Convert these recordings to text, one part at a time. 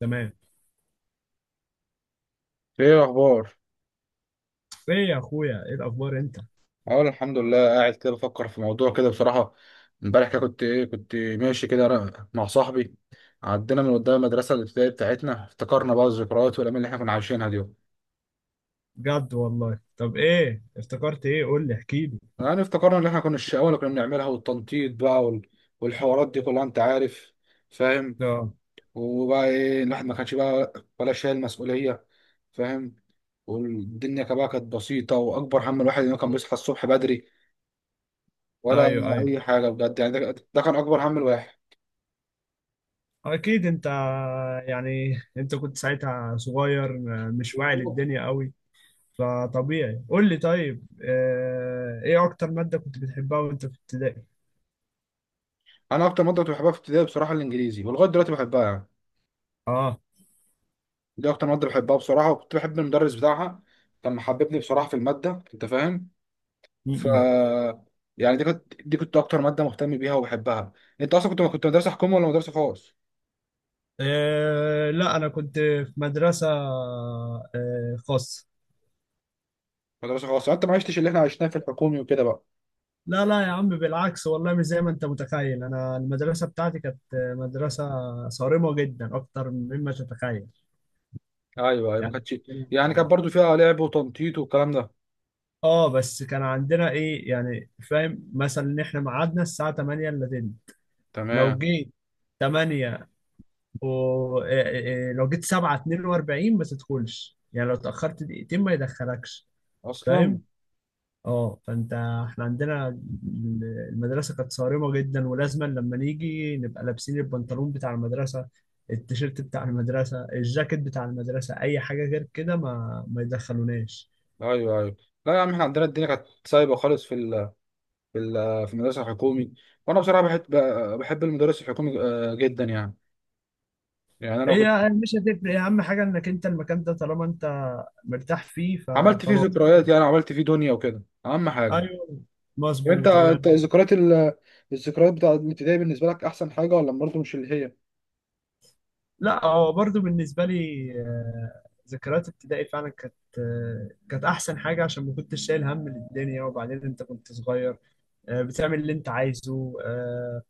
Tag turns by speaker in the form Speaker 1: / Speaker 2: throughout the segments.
Speaker 1: تمام.
Speaker 2: ايه الاخبار؟
Speaker 1: ايه يا اخويا؟ ايه الاخبار انت؟
Speaker 2: اقول الحمد لله، قاعد كده بفكر في موضوع كده بصراحه. امبارح كده كنت ماشي كده أنا مع صاحبي. عدينا من قدام المدرسه الابتدائيه بتاعتنا، افتكرنا بقى الذكريات والايام اللي احنا كنا عايشينها دي.
Speaker 1: بجد والله. طب ايه افتكرت؟ ايه؟ قول لي، احكي لي.
Speaker 2: يعني افتكرنا اللي احنا كنا الشقاوه اللي كنا بنعملها والتنطيط بقى والحوارات دي كلها، انت عارف، فاهم.
Speaker 1: اه.
Speaker 2: وبقى ايه الواحد ما كانش بقى ولا شايل مسؤوليه، فاهم. والدنيا كمان كانت بسيطه، واكبر هم الواحد انه كان بيصحى الصبح بدري ولا
Speaker 1: ايوه، ايوه،
Speaker 2: اي حاجه، بجد يعني. ده كان اكبر هم الواحد.
Speaker 1: اكيد. انت يعني، انت كنت ساعتها صغير، مش واعي
Speaker 2: بالظبط.
Speaker 1: للدنيا قوي، فطبيعي. قول لي طيب. ايه اكتر مادة كنت بتحبها وانت في ابتدائي؟
Speaker 2: انا اكتر ماده كنت بحبها في ابتدائي بصراحه الانجليزي، ولغايه دلوقتي بحبها يعني.
Speaker 1: اه.
Speaker 2: دي اكتر ماده بحبها بصراحه، وكنت بحب المدرس بتاعها، كان محببني بصراحه في الماده، انت فاهم. ف
Speaker 1: م-م.
Speaker 2: يعني دي كنت اكتر ماده مهتم بيها وبحبها. انت اصلا كنت مدرسه حكومه ولا مدرسه خاص؟
Speaker 1: لا، انا كنت في مدرسة خاصة.
Speaker 2: مدرسه خاص يعني انت ما عشتش اللي احنا عشناه في الحكومي وكده بقى.
Speaker 1: لا، لا يا عم، بالعكس والله. مش زي ما انت متخيل، انا المدرسه بتاعتي كانت مدرسه صارمه جدا اكتر مما تتخيل.
Speaker 2: ايوه، ايوه، ما
Speaker 1: يعني
Speaker 2: كانتش يعني كانت برضو فيها لعب وتنطيط والكلام ده،
Speaker 1: اه، بس كان عندنا ايه يعني، فاهم، مثلا ان احنا ميعادنا الساعه 8 الا تلت. لو
Speaker 2: تمام،
Speaker 1: جيت 8 و إيه إيه إيه، لو جيت 7:42 ما تدخلش، يعني لو اتاخرت دقيقتين ما يدخلكش.
Speaker 2: اصلا،
Speaker 1: فاهم؟ اه، فانت احنا عندنا المدرسه كانت صارمه جدا، ولازما لما نيجي نبقى لابسين البنطلون بتاع المدرسه، التيشيرت بتاع المدرسه، الجاكيت بتاع المدرسه، اي حاجه غير كده ما يدخلوناش.
Speaker 2: ايوه، ايوه. لا يا عم، احنا عندنا الدنيا كانت سايبه خالص، في في المدرسه الحكومي. وانا بصراحه بحب المدرس الحكومي جدا يعني. يعني انا كنت
Speaker 1: هي مش هتفرق، اهم حاجه انك انت المكان ده طالما انت مرتاح فيه
Speaker 2: عملت فيه
Speaker 1: فخلاص.
Speaker 2: ذكريات، يعني عملت فيه دنيا وكده، اهم حاجه.
Speaker 1: ايوه،
Speaker 2: وانت
Speaker 1: مظبوط، الله.
Speaker 2: انت الذكريات الذكريات بتاعت الابتدائي بالنسبه لك احسن حاجه، ولا برضه مش اللي هي؟
Speaker 1: لا، هو برضو بالنسبة لي ذكريات ابتدائي فعلا كانت أحسن حاجة، عشان ما كنتش شايل هم للدنيا، وبعدين أنت كنت صغير، بتعمل اللي أنت عايزه.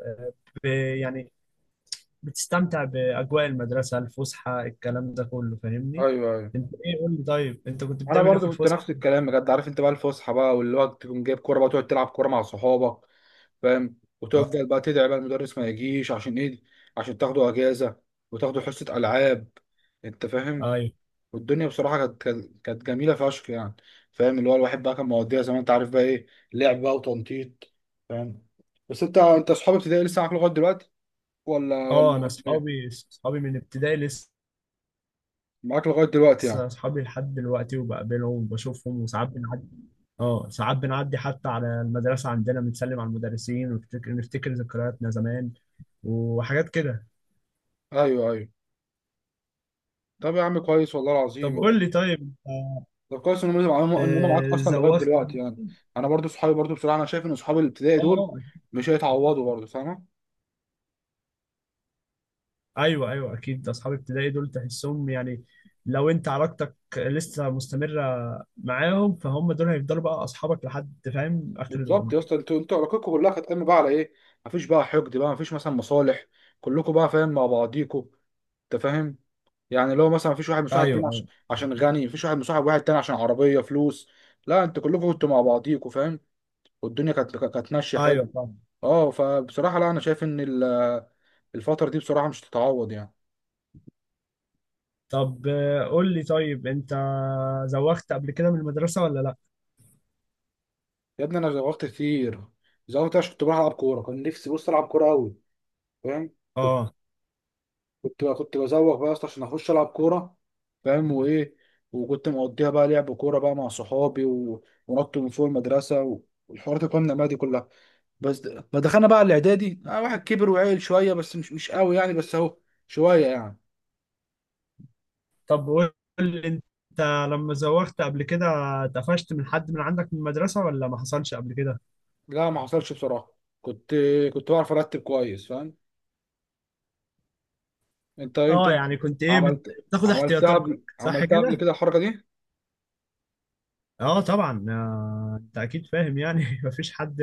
Speaker 1: آه، ب- يعني بتستمتع بأجواء المدرسة، الفسحة، الكلام ده كله. فاهمني؟
Speaker 2: ايوه، ايوه.
Speaker 1: أنت إيه؟ قول لي طيب، أنت كنت
Speaker 2: انا
Speaker 1: بتعمل إيه في
Speaker 2: برضه كنت
Speaker 1: الفسحة؟
Speaker 2: نفس الكلام، بجد. عارف انت بقى الفسحه بقى، واللي هو تكون جايب كوره بقى، تقعد تلعب كوره مع صحابك، فاهم،
Speaker 1: أه،
Speaker 2: وتفضل بقى تدعي بقى المدرس ما يجيش، عشان ايه، عشان تاخدوا اجازه وتاخدوا حصه العاب، انت فاهم.
Speaker 1: أيوه.
Speaker 2: والدنيا بصراحه كانت جميله فشخ يعني. فاهم؟ اللي هو الواحد بقى كان مواضيع زي ما انت عارف بقى ايه، لعب بقى وتنطيط، فاهم. بس انت اصحاب ابتدائي لسه معاك لغايه دلوقتي، ولا؟
Speaker 1: أه، أنا
Speaker 2: إيه؟
Speaker 1: أصحابي من ابتدائي لسه.
Speaker 2: معاك لغايه دلوقتي يعني؟
Speaker 1: أصحابي لحد دلوقتي، وبقابلهم وبشوفهم، وساعات بنعدي. اه، ساعات بنعدي حتى على المدرسة عندنا، بنسلم على المدرسين ونفتكر نفتكر ذكرياتنا زمان وحاجات كده.
Speaker 2: ايوه، ايوه. طب يا عم كويس، والله العظيم
Speaker 1: طب قول
Speaker 2: يعني.
Speaker 1: لي طيب.
Speaker 2: طب كويس ان هم معاك
Speaker 1: آه،
Speaker 2: اصلا لغايه
Speaker 1: زوغت
Speaker 2: دلوقتي
Speaker 1: قبل-
Speaker 2: يعني. انا برضو صحابي، برضو بصراحه انا شايف ان صحابي الابتدائي
Speaker 1: اه،
Speaker 2: دول
Speaker 1: اه.
Speaker 2: مش هيتعوضوا برضو، فاهم.
Speaker 1: ايوه، ايوه، اكيد. اصحاب ابتدائي دول تحسهم يعني، لو انت علاقتك لسه مستمرة معاهم، فهم دول هيفضلوا بقى اصحابك لحد، فاهم، اخر
Speaker 2: بالظبط يا
Speaker 1: العمر.
Speaker 2: اسطى، انتوا علاقتكم كلها كانت قايمه بقى على ايه؟ مفيش بقى حقد بقى، مفيش مثلا مصالح، كلكم بقى فاهم مع بعضيكوا، انت فاهم. يعني اللي هو مثلا مفيش واحد
Speaker 1: ايوه،
Speaker 2: مصاحب تاني
Speaker 1: ايوه،
Speaker 2: عشان غني، مفيش واحد مصاحب واحد تاني عشان عربية فلوس. لا انت كلكم كنتوا مع بعضيكوا، فاهم. والدنيا كانت ماشية حلو.
Speaker 1: ايوه، طبعا.
Speaker 2: اه، فبصراحة لا انا شايف ان الفترة دي بصراحة مش تتعوض يعني.
Speaker 1: طب قول لي طيب، انت زوغت قبل كده من المدرسة ولا لا؟
Speaker 2: يا ابني انا زوغت كتير، زوغت عشان كنت بروح العب كورة، كان نفسي بص العب كورة قوي، فاهم. كنت
Speaker 1: اه.
Speaker 2: كنت بزوغ بقى اصلا عشان اخش العب كورة، فاهم، وايه، وكنت مقضيها بقى لعب كورة بقى مع صحابي ونط من فوق المدرسة والحوارات القمة دي كلها. بس ما دخلنا بقى الاعدادي، واحد كبر وعيل شويه، بس مش قوي يعني، بس اهو شويه يعني.
Speaker 1: طب قول لي انت، لما زوغت قبل كده اتقفشت من حد من عندك من المدرسة ولا ما حصلش قبل كده؟
Speaker 2: لا ما حصلش بصراحه، كنت كنت بعرف ارتب كويس، فاهم. انت
Speaker 1: اه، يعني كنت ايه،
Speaker 2: عملت
Speaker 1: بتاخد
Speaker 2: عملتها
Speaker 1: احتياطاتك
Speaker 2: قبل
Speaker 1: صح
Speaker 2: عملتها قبل
Speaker 1: كده؟
Speaker 2: كده الحركه دي.
Speaker 1: اه، طبعا. انت اكيد فاهم يعني مفيش حد،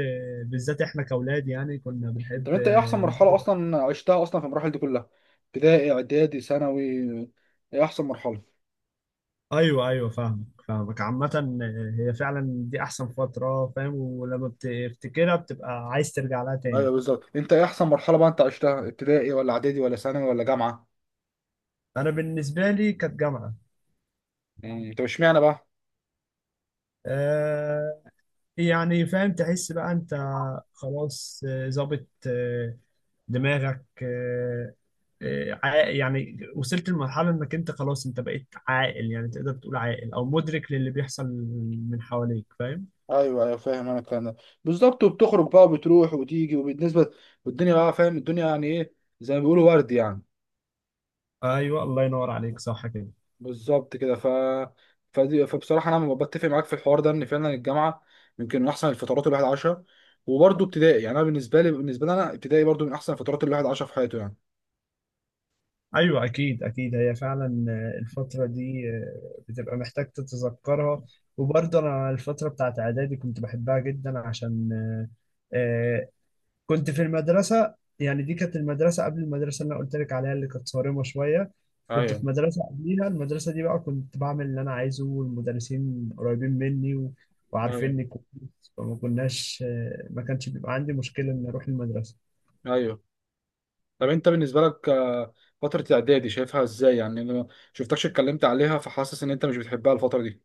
Speaker 1: بالذات احنا كاولاد يعني كنا
Speaker 2: طب
Speaker 1: بنحب
Speaker 2: انت ايه احسن مرحله
Speaker 1: نزوغ.
Speaker 2: اصلا عشتها اصلا في المراحل دي كلها، ابتدائي، اعدادي، ثانوي، ايه احسن مرحله؟
Speaker 1: ايوه، ايوه، فاهمك فاهمك عامة. هي فعلا دي احسن فترة، فاهم، ولما بتفتكرها بتبقى عايز ترجع لها تاني.
Speaker 2: ايوه، بالظبط، انت ايه احسن مرحله بقى انت عشتها، ابتدائي ولا اعدادي ولا ثانوي ولا جامعه؟
Speaker 1: انا بالنسبة لي كانت جامعة.
Speaker 2: طب اشمعنى بقى؟
Speaker 1: آه، يعني فاهم، تحس بقى انت خلاص، ظابط دماغك. يعني وصلت لمرحلة انك انت خلاص، انت بقيت عاقل، يعني تقدر تقول عاقل او مدرك للي بيحصل من حواليك، فاهم.
Speaker 2: ايوه، ايوه، فاهم انا الكلام ده، بالظبط. وبتخرج بقى وبتروح وتيجي وبالنسبه والدنيا بقى، فاهم الدنيا يعني ايه، زي ما بيقولوا ورد يعني.
Speaker 1: ايوه، الله ينور عليك، صح كده.
Speaker 2: بالظبط كده. فبصراحه انا بتفق معاك في الحوار ده ان فعلا الجامعه يمكن من احسن الفترات الواحد عاشها. وبرده ابتدائي، يعني انا بالنسبه لي انا ابتدائي برده من احسن الفترات الواحد عاشها في حياته يعني.
Speaker 1: ايوه، اكيد، اكيد، هي فعلا الفترة دي بتبقى محتاج تتذكرها. وبرضه انا الفترة بتاعت اعدادي كنت بحبها جدا، عشان آه، آه، كنت في المدرسة، يعني دي كانت المدرسة قبل المدرسة اللي أنا قلت لك عليها اللي كانت صارمة شوية. كنت
Speaker 2: ايوه،
Speaker 1: في مدرسة قبليها، المدرسة دي بقى كنت بعمل اللي أنا عايزه، والمدرسين قريبين مني
Speaker 2: ايوه،
Speaker 1: وعارفيني كويس. فما كناش ما كانش بيبقى عندي مشكلة إن أروح المدرسة.
Speaker 2: ايوه. طب انت بالنسبه لك فتره الاعدادي شايفها ازاي يعني؟ انا ما شفتكش اتكلمت عليها، فحاسس ان انت مش بتحبها الفتره دي.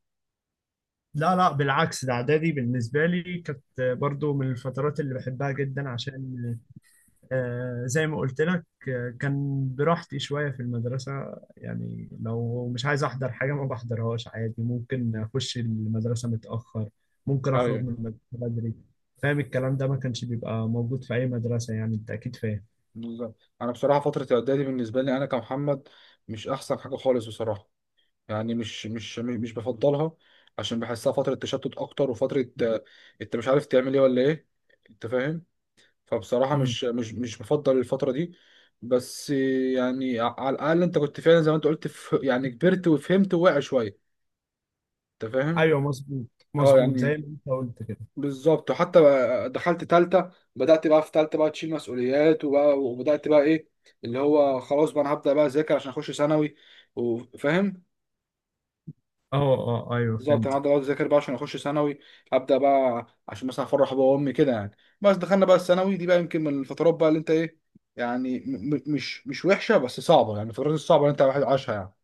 Speaker 1: لا، لا، بالعكس. ده إعدادي بالنسبة لي كانت برضو من الفترات اللي بحبها جدا، عشان زي ما قلت لك، كان براحتي شوية في المدرسة. يعني لو مش عايز أحضر حاجة ما بحضرهاش عادي، ممكن أخش المدرسة متأخر، ممكن أخرج من
Speaker 2: ايوه،
Speaker 1: المدرسة بدري. فاهم الكلام ده، ما كانش بيبقى موجود في أي مدرسة، يعني أنت أكيد فاهم.
Speaker 2: بالظبط، انا بصراحه فتره الاعدادي بالنسبه لي انا كمحمد مش احسن حاجه خالص بصراحه. يعني مش بفضلها، عشان بحسها فتره تشتت اكتر، وفتره انت مش عارف تعمل ايه ولا ايه، انت فاهم. فبصراحه
Speaker 1: مم.
Speaker 2: مش بفضل الفتره دي. بس يعني على الاقل انت كنت فعلا زي ما انت قلت، يعني كبرت وفهمت وواعي شويه، انت فاهم.
Speaker 1: أيوه، مظبوط.
Speaker 2: اه
Speaker 1: مظبوط زي ما
Speaker 2: يعني
Speaker 1: أنت قلت كده.
Speaker 2: بالظبط. وحتى بقى دخلت تالتة، بدأت بقى في تالتة بقى تشيل مسؤوليات، وبقى وبدأت بقى ايه، اللي هو خلاص بقى انا هبدأ بقى اذاكر عشان اخش ثانوي، وفاهم،
Speaker 1: أه، أه، أيوه
Speaker 2: بالظبط. انا
Speaker 1: فهمت.
Speaker 2: هبدأ بقى اذاكر بقى عشان اخش ثانوي، هبدأ بقى عشان مثلا افرح بابا وامي كده يعني. بس دخلنا بقى الثانوي دي بقى، يمكن من الفترات بقى اللي انت ايه يعني، م م مش وحشة بس صعبة، يعني الفترات الصعبة اللي انت واحد عاشها يعني.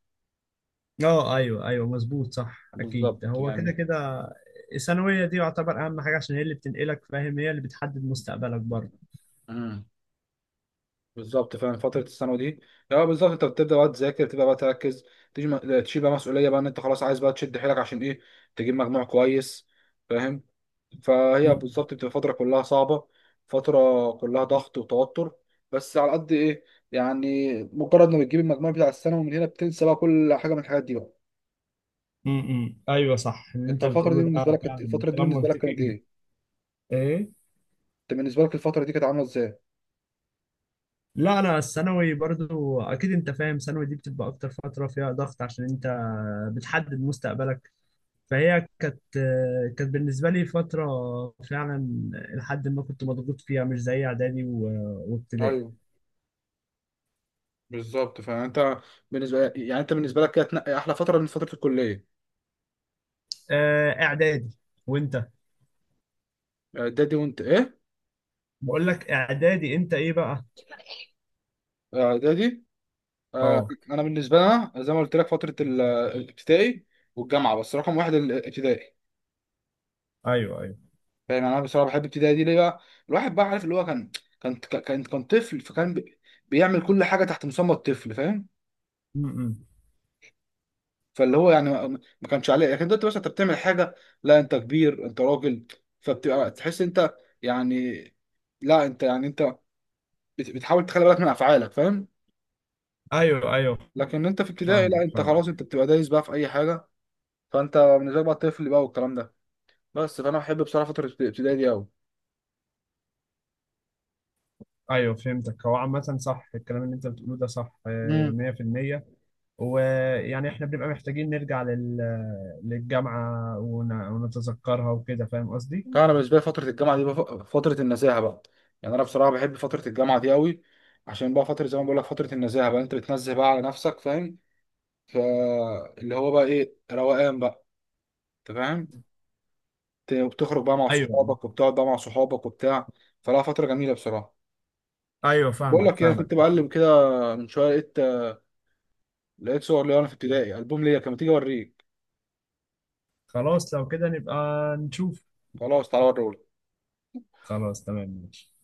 Speaker 1: أه، أيوه، أيوه، مظبوط، صح، أكيد
Speaker 2: بالظبط
Speaker 1: هو كده
Speaker 2: يعني.
Speaker 1: كده. الثانوية دي يعتبر أهم حاجة، عشان هي اللي بتنقلك، فاهم، هي اللي بتحدد مستقبلك برضه.
Speaker 2: مم. بالظبط، فعلا فترة الثانوي دي، لا بالظبط انت بتبدأ بقى تذاكر، تبدأ بقى تركز، تيجي تشيل بقى مسؤولية بقى ان انت خلاص عايز بقى تشد حيلك عشان ايه، تجيب مجموع كويس، فاهم. فهي بالظبط بتبقى فترة كلها صعبة، فترة كلها ضغط وتوتر. بس على قد ايه، يعني مجرد ما بتجيب المجموع بتاع الثانوي من هنا، بتنسى بقى كل حاجة من الحاجات دي بقى.
Speaker 1: امم، ايوه، صح اللي
Speaker 2: انت
Speaker 1: انت بتقوله ده. فعلا
Speaker 2: الفترة دي
Speaker 1: كلام
Speaker 2: بالنسبة لك كانت
Speaker 1: منطقي.
Speaker 2: ايه؟
Speaker 1: ايه.
Speaker 2: انت بالنسبة لك الفترة دي كانت عاملة ازاي؟
Speaker 1: لا، انا الثانوي برضو، اكيد انت فاهم، ثانوي دي بتبقى اكتر فتره فيها ضغط، عشان انت بتحدد مستقبلك. فهي كانت بالنسبه لي فتره فعلا، لحد ما كنت مضغوط فيها، مش زي اعدادي وابتدائي.
Speaker 2: ايوه، بالظبط، فانت، يعني انت بالنسبة لك كانت احلى فترة من فترة الكلية،
Speaker 1: اعدادي وانت.
Speaker 2: اعدادي وانت ايه،
Speaker 1: بقول لك اعدادي. انت ايه بقى؟
Speaker 2: اعدادي آه،
Speaker 1: اه،
Speaker 2: انا بالنسبه لنا زي ما قلت لك، فتره الابتدائي والجامعه، بس رقم واحد الابتدائي،
Speaker 1: ايوه، ايوه.
Speaker 2: فاهم يعني. انا بصراحه بحب الابتدائي دي ليه بقى؟ الواحد بقى عارف اللي هو كان طفل، فكان بيعمل كل حاجه تحت مسمى الطفل، فاهم.
Speaker 1: امم،
Speaker 2: فاللي هو يعني ما كانش عليه. لكن دلوقتي بس انت بتعمل حاجه، لا انت كبير، انت راجل، فبتبقى تحس انت يعني، لا انت يعني انت بتحاول تخلي بالك من افعالك، فاهم.
Speaker 1: ايوه، ايوه،
Speaker 2: لكن انت في ابتدائي لا
Speaker 1: فاهمك
Speaker 2: انت
Speaker 1: فاهمك.
Speaker 2: خلاص، انت بتبقى دايس بقى في اي حاجه، فانت بالنسبه لك بقى الطفل بقى والكلام ده بس. فانا بحب بصراحه فتره الابتدائي دي قوي.
Speaker 1: ايوه، فهمتك. هو عامة صح الكلام اللي انت بتقوله ده، صح،
Speaker 2: امم،
Speaker 1: 100%. ويعني احنا بنبقى محتاجين نرجع للجامعة ونتذكرها وكده، فاهم قصدي؟
Speaker 2: طبعا. انا بالنسبه لي فتره الجامعه دي فتره النزاهه بقى، يعني انا بصراحه بحب فتره الجامعه دي قوي، عشان بقى فتره زي ما بقول لك فتره النزاهه بقى، انت بتنزه بقى على نفسك، فاهم. فاللي هو بقى ايه، روقان بقى، انت فاهم. بتخرج بقى مع
Speaker 1: ايوه،
Speaker 2: صحابك وبتقعد بقى مع صحابك وبتاع. فلا فتره جميله بصراحه.
Speaker 1: ايوه،
Speaker 2: بقول
Speaker 1: فاهمك
Speaker 2: لك ايه، انا كنت
Speaker 1: فاهمك.
Speaker 2: بقلب كده من شويه، لقيت صور ليا وانا في ابتدائي، البوم ليا، كان ما تيجي اوريك.
Speaker 1: خلاص، لو كده نبقى نشوف.
Speaker 2: خلاص تعالى اوريهولك.
Speaker 1: خلاص، تمام، ماشي.